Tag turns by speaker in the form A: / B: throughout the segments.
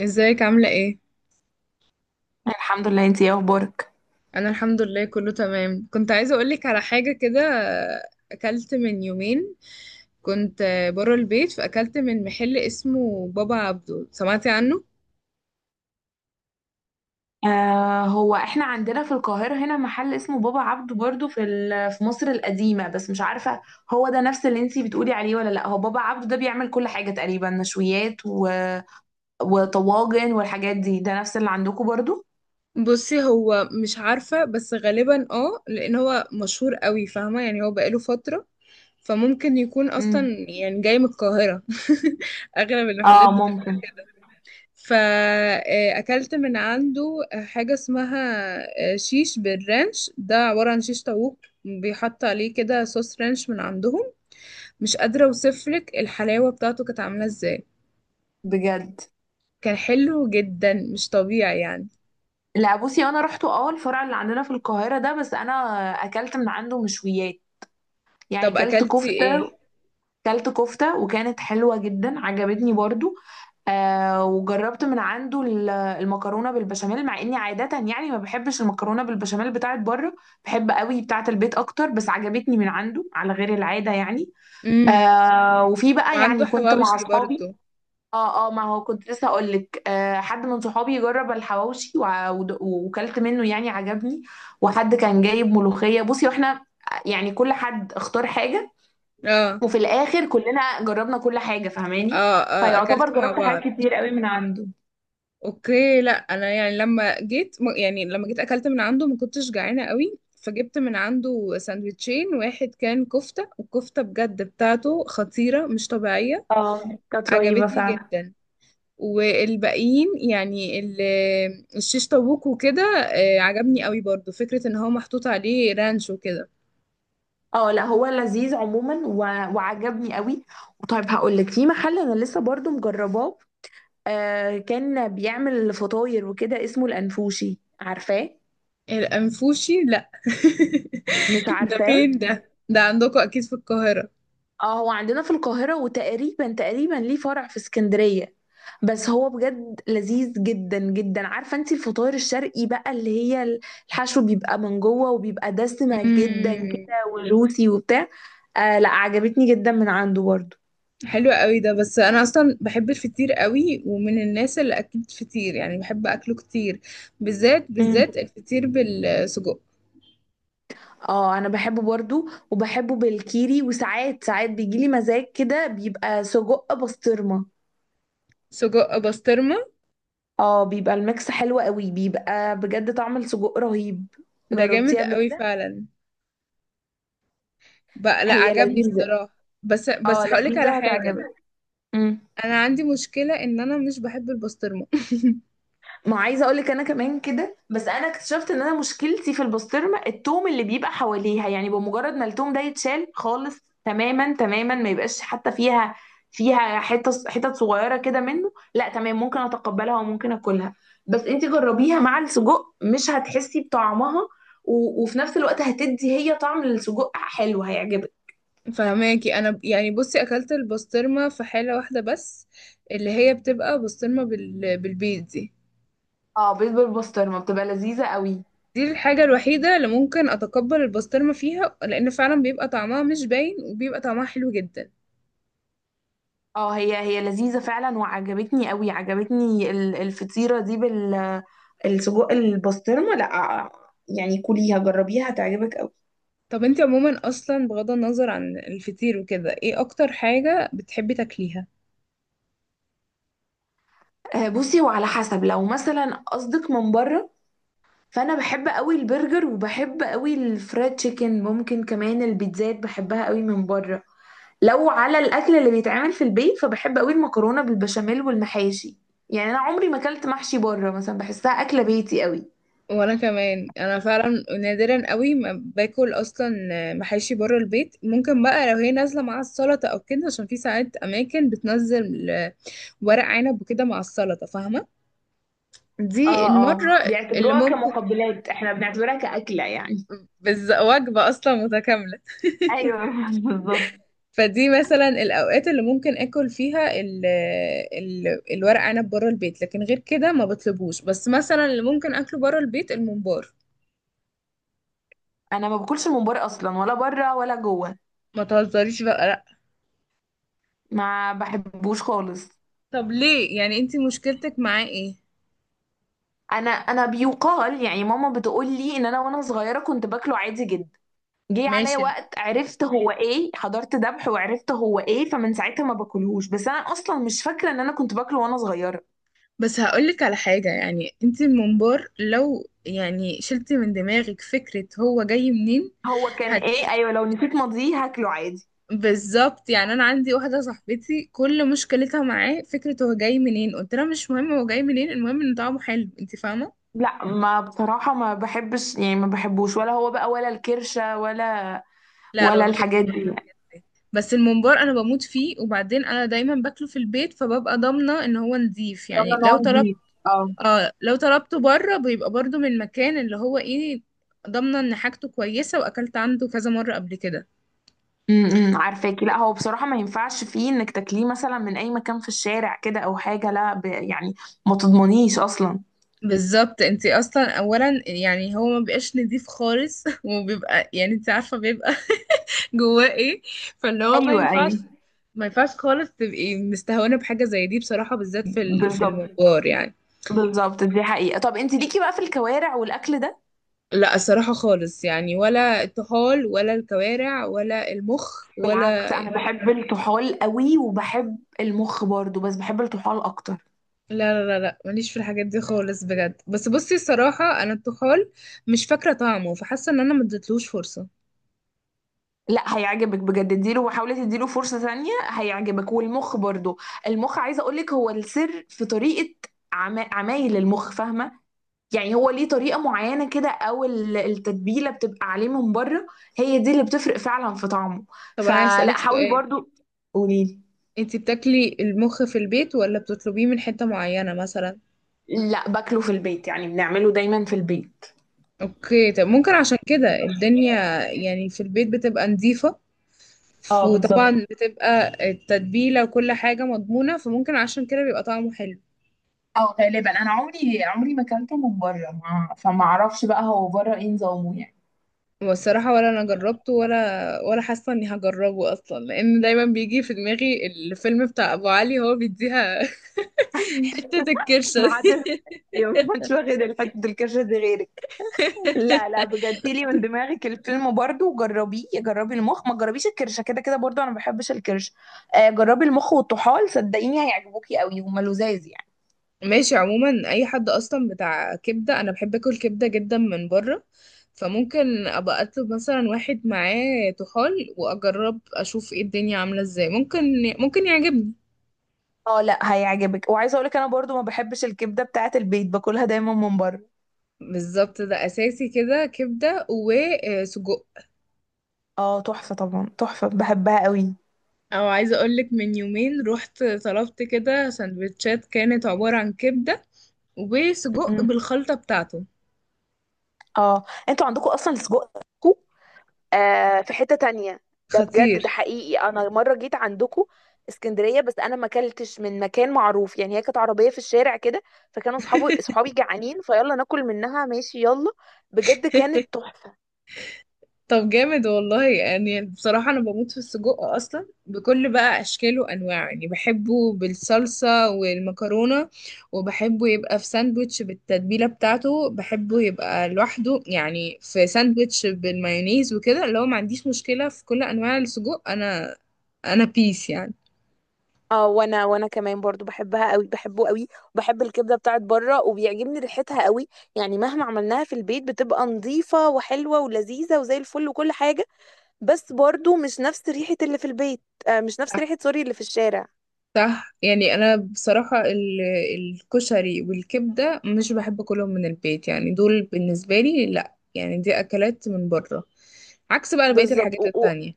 A: ازيك عاملة ايه؟
B: الحمد لله، انتي ايه اخبارك؟
A: انا الحمد لله كله تمام. كنت عايزة اقولك على حاجة كده. اكلت من يومين، كنت بره البيت، فاكلت من محل اسمه بابا عبده. سمعتي عنه؟
B: آه، هو احنا عندنا في القاهرة هنا محل اسمه بابا عبده برضو في في مصر القديمة، بس مش عارفة هو ده نفس اللي انتي بتقولي عليه ولا لا. هو بابا عبده ده بيعمل كل حاجة تقريبا، نشويات وطواجن والحاجات دي. ده نفس اللي عندكم برضو؟
A: بصي، هو مش عارفة، بس غالبا اه، لان هو مشهور قوي، فاهمة يعني، هو بقاله فترة، فممكن يكون اصلا
B: امم.
A: يعني جاي من القاهرة. اغلب المحلات.
B: اه ممكن.
A: فأكلت من عنده حاجة اسمها آه، شيش بالرانش. ده عبارة عن شيش طاووق بيحط عليه كده صوص رانش من عندهم. مش قادرة اوصفلك الحلاوة بتاعته كانت عاملة ازاي.
B: بجد.
A: كان حلو جدا مش طبيعي يعني.
B: لا بصي، انا رحت الفرع اللي عندنا في القاهرة ده. بس انا اكلت من عنده مشويات، يعني
A: طب
B: كلت
A: أكلتي
B: كفتة.
A: ايه؟
B: كلت كفتة وكانت حلوة جدا، عجبتني برضو. آه، وجربت من عنده المكرونه بالبشاميل، مع اني عاده يعني ما بحبش المكرونه بالبشاميل بتاعت بره. بحب قوي بتاعت البيت اكتر، بس عجبتني من عنده على غير العاده يعني.
A: امم
B: آه، وفي بقى يعني
A: وعنده
B: كنت مع
A: حواوشي برضو.
B: اصحابي. اه اه، ما هو كنت لسه اقول لك، آه حد من صحابي جرب الحواوشي، وكلت منه يعني عجبني. وحد كان جايب ملوخيه، بصي، واحنا يعني كل حد اختار حاجه،
A: اه،
B: وفي الاخر كلنا جربنا كل حاجه، فاهماني؟
A: اه، اه،
B: فيعتبر
A: أكلته مع
B: جربت
A: بعض.
B: حاجات كتير قوي من عنده.
A: اوكي، لا، انا يعني يعني لما جيت اكلت من عنده، ما كنتش جعانه قوي، فجبت من عنده ساندوتشين، واحد كان كفته، والكفته بجد بتاعته خطيره مش طبيعيه.
B: اه كانت رهيبة
A: عجبتني
B: فعلا.
A: جدا. والباقيين يعني الشيش طاووق وكده. آه، عجبني قوي برضو فكره ان هو محطوط عليه رانش وكده.
B: اه لا، هو لذيذ عموما وعجبني قوي. وطيب هقول لك في محل انا لسه برضو مجرباه. آه كان بيعمل فطاير وكده اسمه الانفوشي، عارفاه؟
A: الانفوشي؟ لا.
B: مش
A: ده
B: عارفاه؟
A: فين ده عندكم اكيد في القاهره.
B: اه، هو عندنا في القاهرة، وتقريبا تقريبا ليه فرع في اسكندرية. بس هو بجد لذيذ جدا جدا. عارفة انت الفطاير الشرقي بقى اللي هي الحشو بيبقى من جوه وبيبقى دسمة جدا
A: مم.
B: كده وجوسي وبتاع؟ آه لا، عجبتني جدا من عنده برضو.
A: حلو قوي ده. بس انا اصلا بحب الفطير قوي، ومن الناس اللي اكلت فطير يعني بحب اكله كتير. بالذات،
B: مم.
A: بالذات الفطير بالسجق.
B: اه، انا بحبه برضو. وبحبه بالكيري، وساعات ساعات بيجيلي مزاج كده بيبقى سجق بسطرمة.
A: سجق بسطرمه.
B: اه، بيبقى الميكس حلو قوي، بيبقى بجد طعم السجق رهيب.
A: ده
B: جربتيه
A: جامد
B: قبل
A: قوي
B: كده؟
A: فعلا. بقى لا،
B: هي
A: عجبني
B: لذيذة.
A: الصراحه، بس
B: اه
A: هقولك على
B: لذيذة،
A: حاجه.
B: هتعجبك. مم.
A: انا عندي مشكله ان انا مش بحب البسطرمه.
B: ما عايزه اقول لك انا كمان كده، بس انا اكتشفت ان انا مشكلتي في البسطرمه التوم اللي بيبقى حواليها. يعني بمجرد ما التوم ده يتشال خالص، تماما تماما ما يبقاش حتى فيها. فيها حتت حتت صغيره كده منه، لا تمام، ممكن اتقبلها وممكن اكلها. بس انت جربيها مع السجق مش هتحسي بطعمها، وفي نفس الوقت هتدي هي طعم للسجق حلو، هيعجبك.
A: فهماكي، يعني بصي اكلت البسطرمه في حاله واحده بس، اللي هي بتبقى بسطرمه بالبيض دي.
B: اه، بيض بالبسطرمه بتبقى لذيذه قوي.
A: دي الحاجة الوحيدة اللي ممكن أتقبل البسطرمة فيها، لأن فعلا بيبقى طعمها مش باين، وبيبقى طعمها حلو جدا.
B: اه، هي هي لذيذة فعلا، وعجبتني قوي. عجبتني الفطيرة دي السجق. البسطرمة لا. يعني كليها جربيها هتعجبك قوي.
A: طب انتي عموما أصلا، بغض النظر عن الفطير وكده، ايه أكتر حاجة بتحبي تاكليها؟
B: آه، بصي وعلى حسب لو مثلا قصدك من بره، فانا بحب قوي البرجر، وبحب قوي الفرايد تشيكن، ممكن كمان البيتزات بحبها قوي من بره. لو على الاكل اللي بيتعمل في البيت، فبحب قوي المكرونة بالبشاميل والمحاشي. يعني انا عمري ما اكلت محشي بره مثلا، بحسها اكلة بيتي قوي.
A: وأنا كمان، أنا فعلا نادرا قوي ما باكل أصلا محاشي بره البيت. ممكن بقى لو هي نازلة مع السلطة أو كده، عشان في ساعات أماكن بتنزل ورق عنب وكده مع السلطة، فاهمة؟ دي
B: اه اه،
A: المرة اللي
B: بيعتبروها
A: ممكن.
B: كمقبلات، احنا بنعتبرها كأكلة يعني.
A: وجبة أصلا متكاملة.
B: ايوه. بالظبط.
A: فدي مثلا الاوقات اللي ممكن اكل فيها ال ال الورق عنب بره البيت، لكن غير كده ما بطلبوش. بس مثلا اللي ممكن اكله بره البيت الممبار.
B: انا ما باكلش الممبار اصلا، ولا بره ولا جوه.
A: ما تهزريش بقى، لا.
B: ما بحبوش خالص.
A: طب ليه؟ يعني انت مشكلتك معاه ايه؟
B: انا بيقال يعني، ماما بتقول لي ان انا وانا صغيره كنت باكله عادي جدا. جه عليا
A: ماشي،
B: وقت عرفت هو ايه، حضرت ذبح وعرفت هو ايه، فمن ساعتها ما باكلهوش. بس انا اصلا مش فاكره ان انا كنت باكله وانا صغيره.
A: بس هقولك على حاجة. يعني انت الممبار لو يعني شلتي من دماغك فكرة هو جاي منين.
B: هو كان
A: هت
B: ايه؟ ايوه، لو نسيت ماضيه هاكله عادي.
A: بالظبط، يعني انا عندي واحده صاحبتي كل مشكلتها معاه فكره هو جاي منين، قلت لها مش مهم هو جاي منين، المهم ان طعمه حلو، انت فاهمه.
B: لا ما بصراحة ما بحبش، يعني ما بحبوش، ولا هو بقى، ولا الكرشة، ولا
A: لا، انا ما
B: ولا
A: باكلش
B: الحاجات دي
A: بره
B: يعني.
A: البيت، بس الممبار انا بموت فيه، وبعدين انا دايما باكله في البيت، فببقى ضامنه ان هو نظيف،
B: طبعا
A: يعني
B: ان هو
A: لو طلبت.
B: نضيف. اه.
A: اه، لو طلبته بره بيبقى برضو من مكان اللي هو ايه، ضامنه ان حاجته كويسه واكلت عنده كذا مره قبل كده.
B: عارفاكي. لا هو بصراحة ما ينفعش فيه انك تاكليه مثلا من اي مكان في الشارع كده او حاجة، لا يعني ما تضمنيش اصلا.
A: بالظبط، انت اصلا اولا يعني هو ما بيبقاش نظيف خالص، وبيبقى يعني انت عارفه بيبقى جواه ايه. فاللي هو ما
B: ايوه
A: ينفعش
B: ايوه،
A: ما ينفعش خالص تبقي مستهونه بحاجه زي دي بصراحه، بالذات في
B: بالظبط.
A: الممبار يعني.
B: بالظبط، دي حقيقة. طب انت ليكي بقى في الكوارع والاكل ده؟
A: لا الصراحة خالص، يعني ولا الطحال ولا الكوارع ولا المخ
B: بالعكس،
A: ولا.
B: انا بحب الطحال قوي، وبحب المخ برضو، بس بحب الطحال اكتر.
A: لا، لا، لا، لا، ماليش في الحاجات دي خالص بجد. بس بصي الصراحة، أنا الطحال مش فاكرة طعمه، فحاسة إن أنا مديتلوش فرصة.
B: لا هيعجبك بجد، اديله وحاولي تديله فرصة تانية هيعجبك، والمخ برضو. المخ عايزة اقولك هو السر في طريقة عمايل المخ، فاهمة؟ يعني هو ليه طريقة معينة كده، او التتبيلة بتبقى عليه من بره. هي دي اللي بتفرق فعلا في طعمه.
A: طب أنا عايز
B: فلا
A: أسألك
B: حاولي
A: سؤال.
B: برضو. قوليلي.
A: انتي بتاكلي المخ في البيت ولا بتطلبيه من حتة معينة مثلا؟
B: لا، باكله في البيت، يعني بنعمله دايما في البيت.
A: اوكي، طب ممكن عشان كده الدنيا، يعني في البيت بتبقى نظيفة،
B: اه بالظبط.
A: وطبعا بتبقى التتبيلة وكل حاجة مضمونة، فممكن عشان كده بيبقى طعمه حلو.
B: اه غالبا، انا عمري عمري ما اكلته من بره، ما... فما اعرفش بقى هو بره ايه نظامه يعني.
A: والصراحة، ولا أنا جربته، ولا حاسة إني هجربه أصلا، لأن دايما بيجي في دماغي الفيلم بتاع أبو علي هو بيديها حتة الكرشة
B: ما حدش
A: دي.
B: اليوم، ما حدش واخد الحتة الكشة دي غيرك. لا لا بجد، لي من دماغك الفيلم برضو وجربيه، جربي المخ، ما تجربيش الكرشة كده كده. برضو انا ما بحبش الكرش. آه، جربي المخ والطحال، صدقيني هيعجبوكي قوي، هما لذاذ يعني.
A: ماشي. عموما أي حد أصلا بتاع كبدة، أنا بحب أكل كبدة جدا من بره. فممكن أبقى أطلب مثلا واحد معاه طحال، وأجرب أشوف إيه الدنيا عاملة إزاي، ممكن يعجبني.
B: اه لا، هيعجبك. وعايزه اقولك انا برضو ما بحبش الكبده بتاعه البيت، باكلها دايما من بره.
A: بالظبط، ده أساسي كده، كبدة وسجق.
B: اه تحفه، طبعا تحفه، بحبها قوي.
A: او عايزه اقولك، من يومين رحت طلبت كده سندوتشات كانت عباره عن كبده وسجق
B: م.
A: بالخلطه بتاعته.
B: اه، انتوا عندكم اصلا السجق آه في حتة تانية. ده بجد، ده
A: خطير.
B: حقيقي، انا مرة جيت عندكم اسكندرية، بس انا ما اكلتش من مكان معروف، يعني هي كانت عربية في الشارع كده، فكانوا صحابي صحابي جعانين، فيلا ناكل منها ماشي يلا. بجد كانت تحفة.
A: طب جامد والله. يعني بصراحه انا بموت في السجق اصلا بكل بقى اشكاله وانواعه، يعني بحبه بالصلصه والمكرونه، وبحبه يبقى في ساندوتش بالتتبيله بتاعته، بحبه يبقى لوحده يعني في ساندوتش بالمايونيز وكده. اللي هو ما عنديش مشكله في كل انواع السجق انا بيس يعني.
B: اه، وانا كمان برضو بحبها قوي، بحبه قوي. وبحب الكبدة بتاعت بره، وبيعجبني ريحتها قوي. يعني مهما عملناها في البيت بتبقى نظيفة وحلوة ولذيذة وزي الفل وكل حاجة، بس برضو مش نفس ريحة اللي في البيت. آه، مش نفس ريحة، سوري، اللي في الشارع.
A: صح. يعني انا بصراحه الكشري والكبده مش بحب اكلهم من البيت، يعني دول بالنسبه لي لا، يعني دي اكلات من بره، عكس بقى بقيه
B: بالظبط،
A: الحاجات التانية.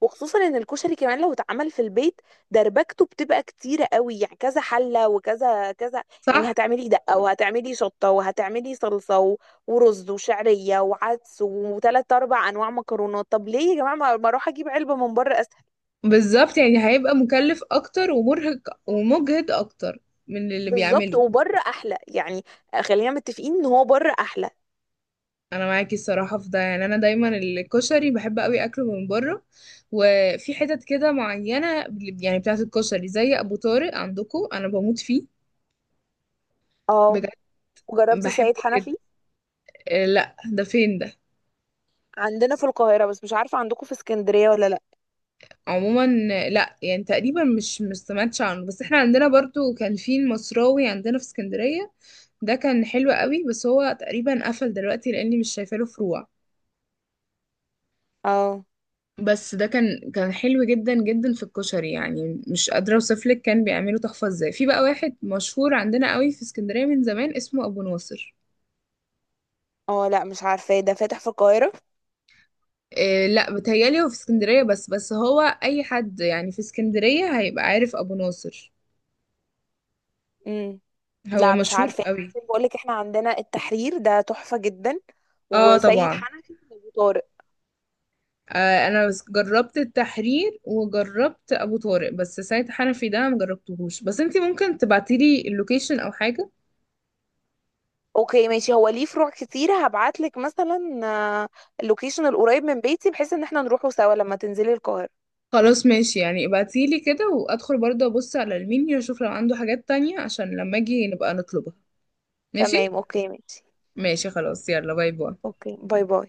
B: وخصوصا ان الكشري كمان لو اتعمل في البيت، دربكته بتبقى كتيره قوي، يعني كذا حله وكذا كذا. يعني
A: صح،
B: هتعملي دقه وهتعملي شطه وهتعملي صلصه ورز وشعريه وعدس وثلاث اربع انواع مكرونات. طب ليه يا جماعه، ما اروح اجيب علبه من بره اسهل؟
A: بالظبط، يعني هيبقى مكلف اكتر ومرهق ومجهد اكتر من اللي
B: بالظبط،
A: بيعمله.
B: وبره احلى يعني. خلينا متفقين ان هو بره احلى.
A: انا معاكي الصراحه في ده. يعني انا دايما الكشري بحب قوي اكله من بره، وفي حتت كده معينه، يعني بتاعه الكشري زي ابو طارق عندكم انا بموت فيه
B: اه،
A: بجد،
B: وجربتي
A: بحبه
B: سيد
A: جدا.
B: حنفي؟
A: آه، لا، ده فين ده؟
B: عندنا في القاهره، بس مش عارفه عندكم في اسكندريه ولا لا.
A: عموما آه، لا، يعني تقريبا مش سمعتش عنه، بس احنا عندنا برضو كان في المصراوي عندنا في اسكندرية. ده كان حلو قوي، بس هو تقريبا قفل دلوقتي، لاني مش شايفه له فروع.
B: اه
A: بس ده كان حلو جدا جدا في الكشري، يعني مش قادره اوصف لك كان بيعملوا تحفه ازاي. في بقى واحد مشهور عندنا قوي في اسكندريه من زمان اسمه ابو ناصر.
B: اه لا، مش عارفاه. ده فاتح في القاهره؟
A: إيه، لا، بتهيالي هو في اسكندريه بس هو اي حد يعني في اسكندريه هيبقى عارف ابو ناصر، هو
B: لا مش
A: مشهور
B: عارفة.
A: قوي.
B: بقول لك احنا عندنا التحرير ده تحفة جدا،
A: اه،
B: وسيد
A: طبعا.
B: حنفي وابو طارق.
A: آه، انا بس جربت التحرير وجربت ابو طارق، بس سيد حنفي ده مجربتهوش، بس انتي ممكن تبعتيلي اللوكيشن او حاجه.
B: اوكي ماشي، هو ليه فروع كتير، هبعت لك مثلا. آه، اللوكيشن القريب من بيتي، بحيث ان احنا نروحه سوا لما تنزلي القاهرة.
A: خلاص ماشي، يعني ابعتيلي كده وادخل برضه ابص على المنيو اشوف لو عنده حاجات تانية، عشان لما اجي نبقى نطلبها.
B: تمام
A: ماشي،
B: اوكي ماشي.
A: ماشي، خلاص، يلا باي باي.
B: اوكي باي باي.